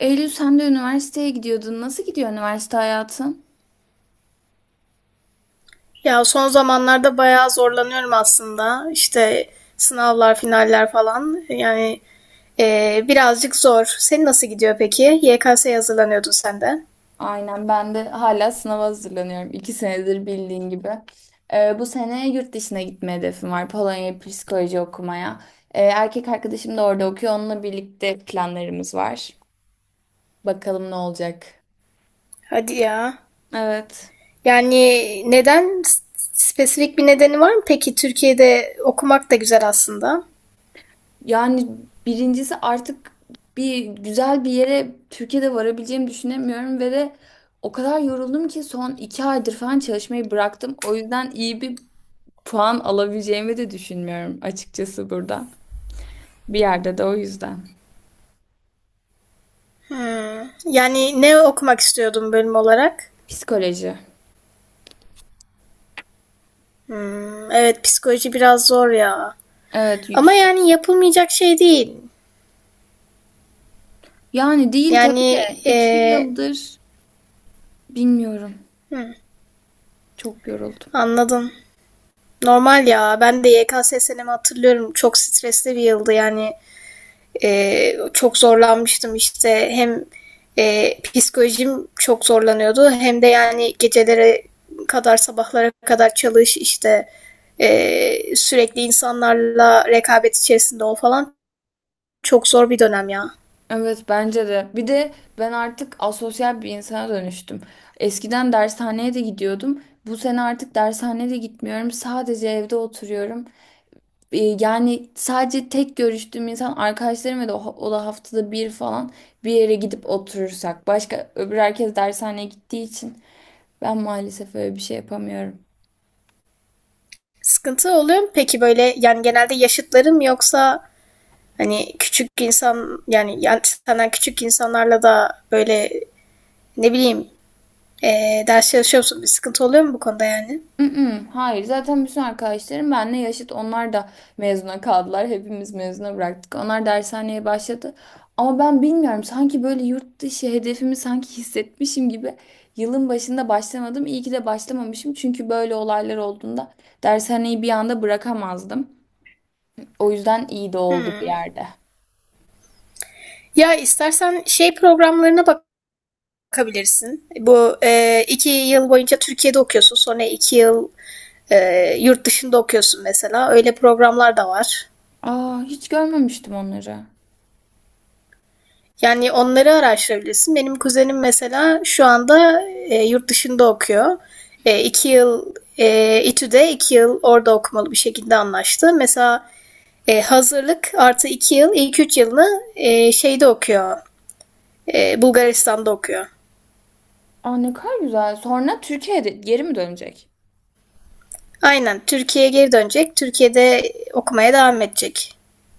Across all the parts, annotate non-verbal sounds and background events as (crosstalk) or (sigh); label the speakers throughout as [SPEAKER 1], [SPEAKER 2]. [SPEAKER 1] Eylül sen de üniversiteye gidiyordun. Nasıl gidiyor üniversite hayatın?
[SPEAKER 2] Ya son zamanlarda bayağı zorlanıyorum aslında. İşte sınavlar, finaller falan. Birazcık zor. Senin nasıl gidiyor peki? YKS'ye hazırlanıyordun sen de.
[SPEAKER 1] Aynen ben de hala sınava hazırlanıyorum. İki senedir bildiğin gibi. Bu sene yurt dışına gitme hedefim var. Polonya'ya psikoloji okumaya. Erkek arkadaşım da orada okuyor. Onunla birlikte planlarımız var. Bakalım ne olacak.
[SPEAKER 2] Hadi ya.
[SPEAKER 1] Evet.
[SPEAKER 2] Yani neden? Spesifik bir nedeni var mı peki? Türkiye'de okumak da güzel aslında.
[SPEAKER 1] Yani birincisi artık bir güzel bir yere Türkiye'de varabileceğimi düşünemiyorum ve de o kadar yoruldum ki son iki aydır falan çalışmayı bıraktım. O yüzden iyi bir puan alabileceğimi de düşünmüyorum açıkçası burada. Bir yerde de o yüzden.
[SPEAKER 2] Hmm. Yani ne okumak istiyordun bölüm olarak?
[SPEAKER 1] Psikoloji.
[SPEAKER 2] Hmm, evet psikoloji biraz zor ya.
[SPEAKER 1] Evet
[SPEAKER 2] Ama
[SPEAKER 1] yüksek.
[SPEAKER 2] yani yapılmayacak şey değil.
[SPEAKER 1] Yani değil tabii
[SPEAKER 2] Yani
[SPEAKER 1] de iki
[SPEAKER 2] eee,
[SPEAKER 1] yıldır bilmiyorum. Çok yoruldum.
[SPEAKER 2] Anladım. Normal ya. Ben de YKS senemi hatırlıyorum. Çok stresli bir yıldı yani. Çok zorlanmıştım işte. Hem psikolojim çok zorlanıyordu. Hem de yani gecelere kadar sabahlara kadar çalış işte sürekli insanlarla rekabet içerisinde ol falan. Çok zor bir dönem ya.
[SPEAKER 1] Evet bence de. Bir de ben artık asosyal bir insana dönüştüm. Eskiden dershaneye de gidiyordum. Bu sene artık dershaneye de gitmiyorum. Sadece evde oturuyorum. Yani sadece tek görüştüğüm insan arkadaşlarım ve de o da haftada bir falan bir yere gidip oturursak. Başka öbür herkes dershaneye gittiği için ben maalesef öyle bir şey yapamıyorum.
[SPEAKER 2] Sıkıntı oluyor mu peki böyle yani genelde yaşıtlarım yoksa hani küçük insan yani, yani senden küçük insanlarla da böyle ne bileyim. Ders çalışıyor musun? Bir sıkıntı oluyor mu bu konuda yani?
[SPEAKER 1] Mm-mm, hayır zaten bütün arkadaşlarım benimle yaşıt onlar da mezuna kaldılar. Hepimiz mezuna bıraktık. Onlar dershaneye başladı. Ama ben bilmiyorum sanki böyle yurt dışı hedefimi sanki hissetmişim gibi yılın başında başlamadım. İyi ki de başlamamışım çünkü böyle olaylar olduğunda dershaneyi bir anda bırakamazdım. O yüzden iyi de oldu bir
[SPEAKER 2] Hmm.
[SPEAKER 1] yerde.
[SPEAKER 2] Ya istersen şey programlarına bakabilirsin. Bu iki yıl boyunca Türkiye'de okuyorsun. Sonra iki yıl yurt dışında okuyorsun mesela. Öyle programlar da var.
[SPEAKER 1] Aa hiç görmemiştim onları.
[SPEAKER 2] Yani onları araştırabilirsin. Benim kuzenim mesela şu anda yurt dışında okuyor. İki yıl İTÜ'de, iki yıl orada okumalı bir şekilde anlaştı. Mesela hazırlık artı iki yıl, ilk üç yılını şeyde okuyor. Bulgaristan'da okuyor.
[SPEAKER 1] Aa ne kadar güzel. Sonra Türkiye'de geri mi dönecek?
[SPEAKER 2] Aynen. Türkiye'ye geri dönecek. Türkiye'de okumaya devam edecek.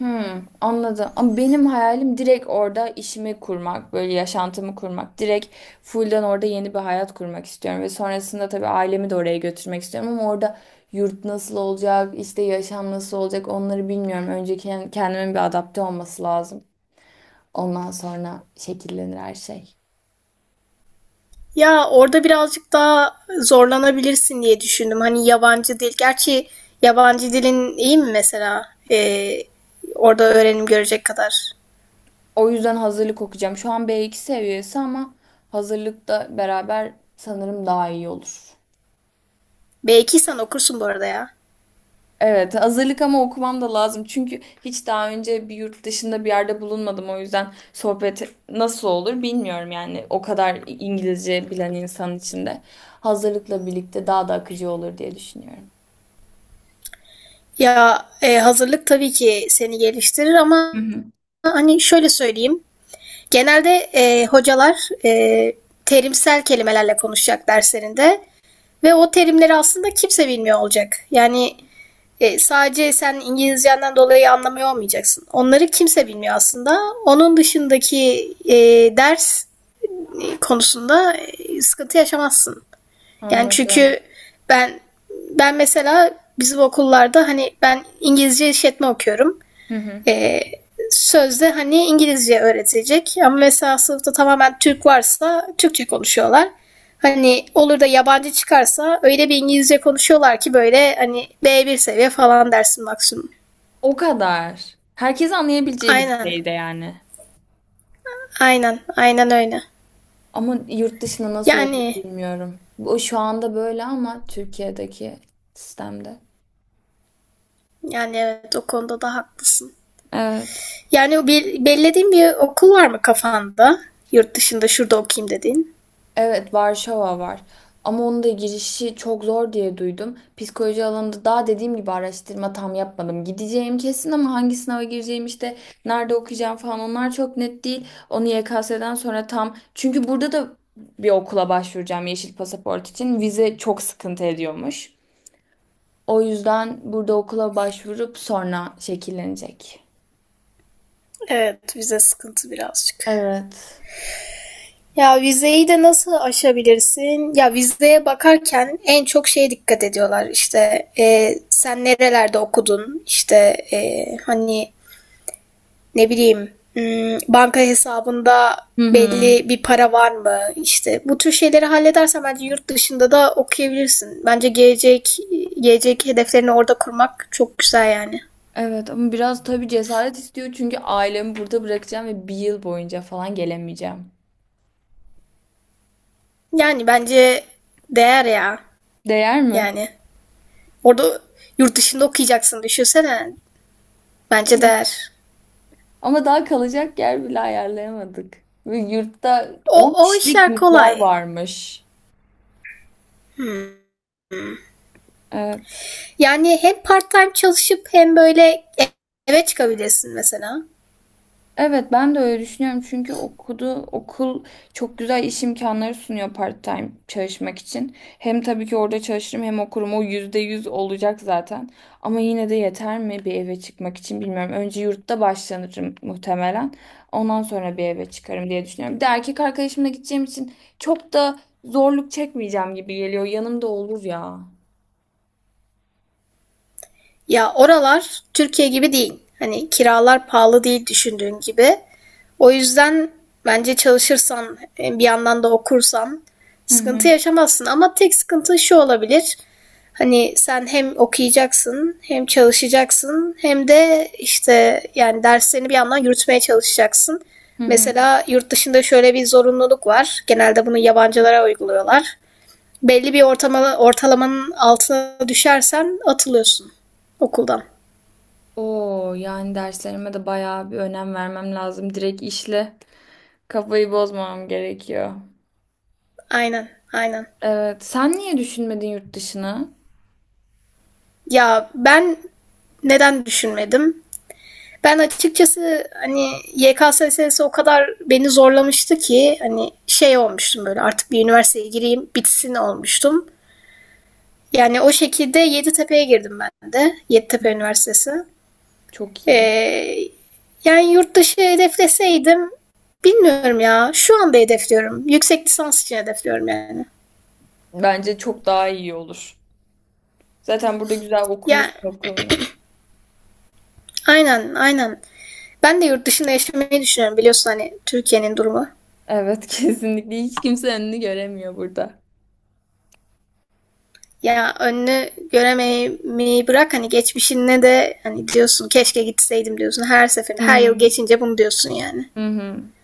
[SPEAKER 1] Hmm, anladım. Ama benim hayalim direkt orada işimi kurmak, böyle yaşantımı kurmak. Direkt full'den orada yeni bir hayat kurmak istiyorum. Ve sonrasında tabii ailemi de oraya götürmek istiyorum. Ama orada yurt nasıl olacak, işte yaşam nasıl olacak onları bilmiyorum. Önce kendimin bir adapte olması lazım. Ondan sonra şekillenir her şey.
[SPEAKER 2] Ya orada birazcık daha zorlanabilirsin diye düşündüm. Hani yabancı dil. Gerçi yabancı dilin iyi mi mesela? Orada öğrenim görecek kadar.
[SPEAKER 1] O yüzden hazırlık okuyacağım. Şu an B2 seviyesi ama hazırlıkta beraber sanırım daha iyi olur.
[SPEAKER 2] B2 sen okursun bu arada ya.
[SPEAKER 1] Evet, hazırlık ama okumam da lazım. Çünkü hiç daha önce bir yurt dışında bir yerde bulunmadım. O yüzden sohbet nasıl olur bilmiyorum yani. O kadar İngilizce bilen insan içinde. Hazırlıkla birlikte daha da akıcı olur diye düşünüyorum.
[SPEAKER 2] Ya hazırlık tabii ki seni geliştirir ama
[SPEAKER 1] Hı hı.
[SPEAKER 2] hani şöyle söyleyeyim. Genelde hocalar e, terimsel kelimelerle konuşacak derslerinde. Ve o terimleri aslında kimse bilmiyor olacak. Yani sadece sen İngilizcenden dolayı anlamıyor olmayacaksın. Onları kimse bilmiyor aslında. Onun dışındaki ders konusunda sıkıntı yaşamazsın. Yani
[SPEAKER 1] Anladım.
[SPEAKER 2] çünkü ben ben mesela bizim okullarda hani ben İngilizce işletme okuyorum,
[SPEAKER 1] Hı hı.
[SPEAKER 2] e, sözde hani İngilizce öğretilecek ama mesela sınıfta tamamen Türk varsa Türkçe konuşuyorlar. Hani olur da yabancı çıkarsa öyle bir İngilizce konuşuyorlar ki böyle hani B1 seviye falan dersin maksimum.
[SPEAKER 1] O kadar. Herkes anlayabileceği bir
[SPEAKER 2] Aynen.
[SPEAKER 1] şeydi yani.
[SPEAKER 2] Aynen. Aynen öyle.
[SPEAKER 1] Ama yurt dışında nasıl olduğunu
[SPEAKER 2] Yani
[SPEAKER 1] bilmiyorum. Bu şu anda böyle ama Türkiye'deki sistemde.
[SPEAKER 2] yani evet o konuda da haklısın.
[SPEAKER 1] Evet.
[SPEAKER 2] Yani o bir, belirlediğin bir okul var mı kafanda? Yurt dışında şurada okuyayım dediğin.
[SPEAKER 1] Evet, Varşova var. Ama onun da girişi çok zor diye duydum. Psikoloji alanında daha dediğim gibi araştırma tam yapmadım. Gideceğim kesin ama hangi sınava gireceğim işte nerede okuyacağım falan onlar çok net değil. Onu YKS'den sonra tam çünkü burada da bir okula başvuracağım yeşil pasaport için. Vize çok sıkıntı ediyormuş. O yüzden burada okula başvurup sonra şekillenecek.
[SPEAKER 2] Evet vize sıkıntı birazcık.
[SPEAKER 1] Evet.
[SPEAKER 2] Ya vizeyi de nasıl aşabilirsin? Ya vizeye bakarken en çok şeye dikkat ediyorlar. İşte sen nerelerde okudun? İşte hani ne bileyim, hmm, banka hesabında
[SPEAKER 1] Hı hı.
[SPEAKER 2] belli bir para var mı? İşte bu tür şeyleri halledersen bence yurt dışında da okuyabilirsin. Bence gelecek hedeflerini orada kurmak çok güzel yani.
[SPEAKER 1] Evet ama biraz tabii cesaret istiyor çünkü ailemi burada bırakacağım ve bir yıl boyunca falan gelemeyeceğim.
[SPEAKER 2] Yani bence değer ya.
[SPEAKER 1] Değer mi?
[SPEAKER 2] Yani orada yurt dışında okuyacaksın düşünsene. Bence
[SPEAKER 1] Evet.
[SPEAKER 2] değer.
[SPEAKER 1] Ama daha kalacak yer bile ayarlayamadık. Ve yurtta 10
[SPEAKER 2] O
[SPEAKER 1] kişilik
[SPEAKER 2] işler
[SPEAKER 1] yurtlar
[SPEAKER 2] kolay.
[SPEAKER 1] varmış.
[SPEAKER 2] Hmm.
[SPEAKER 1] Evet.
[SPEAKER 2] Yani hem part time çalışıp hem böyle eve çıkabilirsin mesela.
[SPEAKER 1] Evet ben de öyle düşünüyorum çünkü okul çok güzel iş imkanları sunuyor part-time çalışmak için. Hem tabii ki orada çalışırım hem okurum o yüzde yüz olacak zaten. Ama yine de yeter mi bir eve çıkmak için bilmiyorum. Önce yurtta başlanırım muhtemelen. Ondan sonra bir eve çıkarım diye düşünüyorum. Bir de erkek arkadaşımla gideceğim için çok da zorluk çekmeyeceğim gibi geliyor. Yanımda olur ya.
[SPEAKER 2] Ya oralar Türkiye gibi değil. Hani kiralar pahalı değil düşündüğün gibi. O yüzden bence çalışırsan, bir yandan da okursan
[SPEAKER 1] Hı
[SPEAKER 2] sıkıntı
[SPEAKER 1] hı.
[SPEAKER 2] yaşamazsın. Ama tek sıkıntı şu olabilir. Hani sen hem okuyacaksın, hem çalışacaksın, hem de işte yani derslerini bir yandan yürütmeye çalışacaksın.
[SPEAKER 1] Hı hı.
[SPEAKER 2] Mesela yurt dışında şöyle bir zorunluluk var. Genelde bunu yabancılara uyguluyorlar, belli bir ortalamanın altına düşersen atılıyorsun okuldan.
[SPEAKER 1] Oo yani derslerime de bayağı bir önem vermem lazım. Direkt işle. Kafayı bozmam gerekiyor.
[SPEAKER 2] Aynen, aynen.
[SPEAKER 1] Evet. Sen niye düşünmedin yurt dışını?
[SPEAKER 2] Ya ben neden düşünmedim? Ben açıkçası hani YKS meselesi o kadar beni zorlamıştı ki hani şey olmuştum böyle artık bir üniversiteye gireyim bitsin olmuştum. Yani o şekilde Yeditepe'ye girdim ben de. Yeditepe Üniversitesi.
[SPEAKER 1] Çok iyi.
[SPEAKER 2] Ee, Yani yurt dışı hedefleseydim bilmiyorum ya. Şu anda hedefliyorum. Yüksek lisans için hedefliyorum yani.
[SPEAKER 1] Bence çok daha iyi olur. Zaten burada güzel
[SPEAKER 2] Ya
[SPEAKER 1] okumuşsun okulunu.
[SPEAKER 2] aynen. Ben de yurt dışında yaşamayı düşünüyorum biliyorsun hani Türkiye'nin durumu.
[SPEAKER 1] Evet (laughs) kesinlikle. Hiç kimse önünü göremiyor burada.
[SPEAKER 2] Ya önünü göremeyi bırak hani geçmişine de hani diyorsun keşke gitseydim diyorsun her
[SPEAKER 1] Hı
[SPEAKER 2] seferinde her yıl
[SPEAKER 1] hı.
[SPEAKER 2] geçince bunu diyorsun yani.
[SPEAKER 1] Hı hı.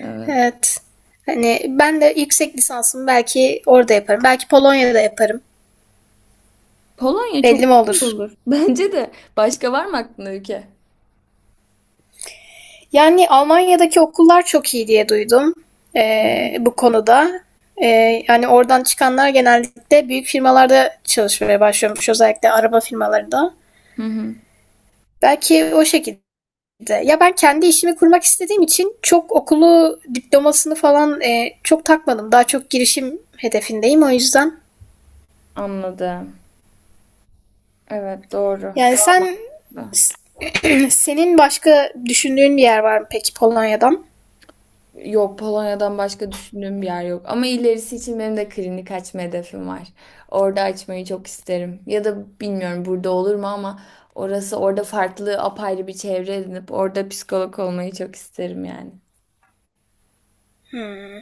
[SPEAKER 1] Evet.
[SPEAKER 2] Evet. Hani ben de yüksek lisansımı belki orada yaparım. Belki Polonya'da yaparım.
[SPEAKER 1] Polonya çok
[SPEAKER 2] Belli mi
[SPEAKER 1] iyi
[SPEAKER 2] olur?
[SPEAKER 1] olur. (laughs) Bence de. Başka var mı aklında ülke?
[SPEAKER 2] Yani Almanya'daki okullar çok iyi diye duydum
[SPEAKER 1] Hı hı.
[SPEAKER 2] bu konuda. Yani oradan çıkanlar genellikle büyük firmalarda çalışmaya başlıyormuş, özellikle araba firmalarında.
[SPEAKER 1] Hı hı.
[SPEAKER 2] Belki o şekilde. Ya ben kendi işimi kurmak istediğim için çok okulu, diplomasını falan çok takmadım. Daha çok girişim hedefindeyim o yüzden.
[SPEAKER 1] Anladım. Evet doğru.
[SPEAKER 2] Yani sen
[SPEAKER 1] Doğru.
[SPEAKER 2] (clears throat) senin başka düşündüğün bir yer var mı peki Polonya'dan?
[SPEAKER 1] Yok Polonya'dan başka düşündüğüm bir yer yok. Ama ilerisi için benim de klinik açma hedefim var. Orada açmayı çok isterim. Ya da bilmiyorum burada olur mu ama orası orada farklı apayrı bir çevre edinip orada psikolog olmayı çok isterim yani.
[SPEAKER 2] Hmm.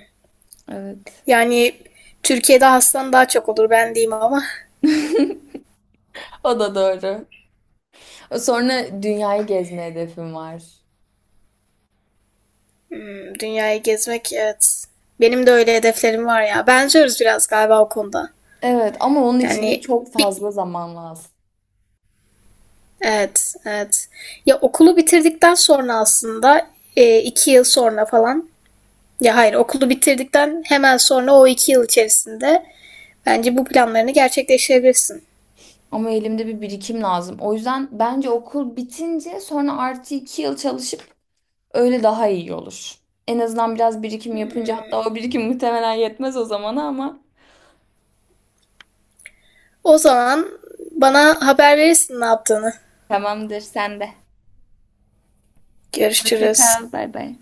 [SPEAKER 1] Evet.
[SPEAKER 2] Yani Türkiye'de hastan daha çok olur ben diyeyim ama.
[SPEAKER 1] (laughs) O da doğru. Sonra dünyayı gezme hedefim var.
[SPEAKER 2] Hmm, dünyayı gezmek evet. Benim de öyle hedeflerim var ya. Benziyoruz biraz galiba o konuda.
[SPEAKER 1] Evet ama onun için de
[SPEAKER 2] Yani
[SPEAKER 1] çok
[SPEAKER 2] bir,
[SPEAKER 1] fazla zaman lazım.
[SPEAKER 2] evet evet. Ya okulu bitirdikten sonra aslında iki yıl sonra falan. Ya hayır okulu bitirdikten hemen sonra o iki yıl içerisinde bence bu planlarını gerçekleştirebilirsin.
[SPEAKER 1] Ama elimde bir birikim lazım. O yüzden bence okul bitince sonra artı iki yıl çalışıp öyle daha iyi olur. En azından biraz birikim yapınca hatta o birikim muhtemelen yetmez o zamana ama
[SPEAKER 2] O zaman bana haber verirsin ne yaptığını.
[SPEAKER 1] tamamdır sen de. Hoşça
[SPEAKER 2] Görüşürüz.
[SPEAKER 1] kal. Bay bay.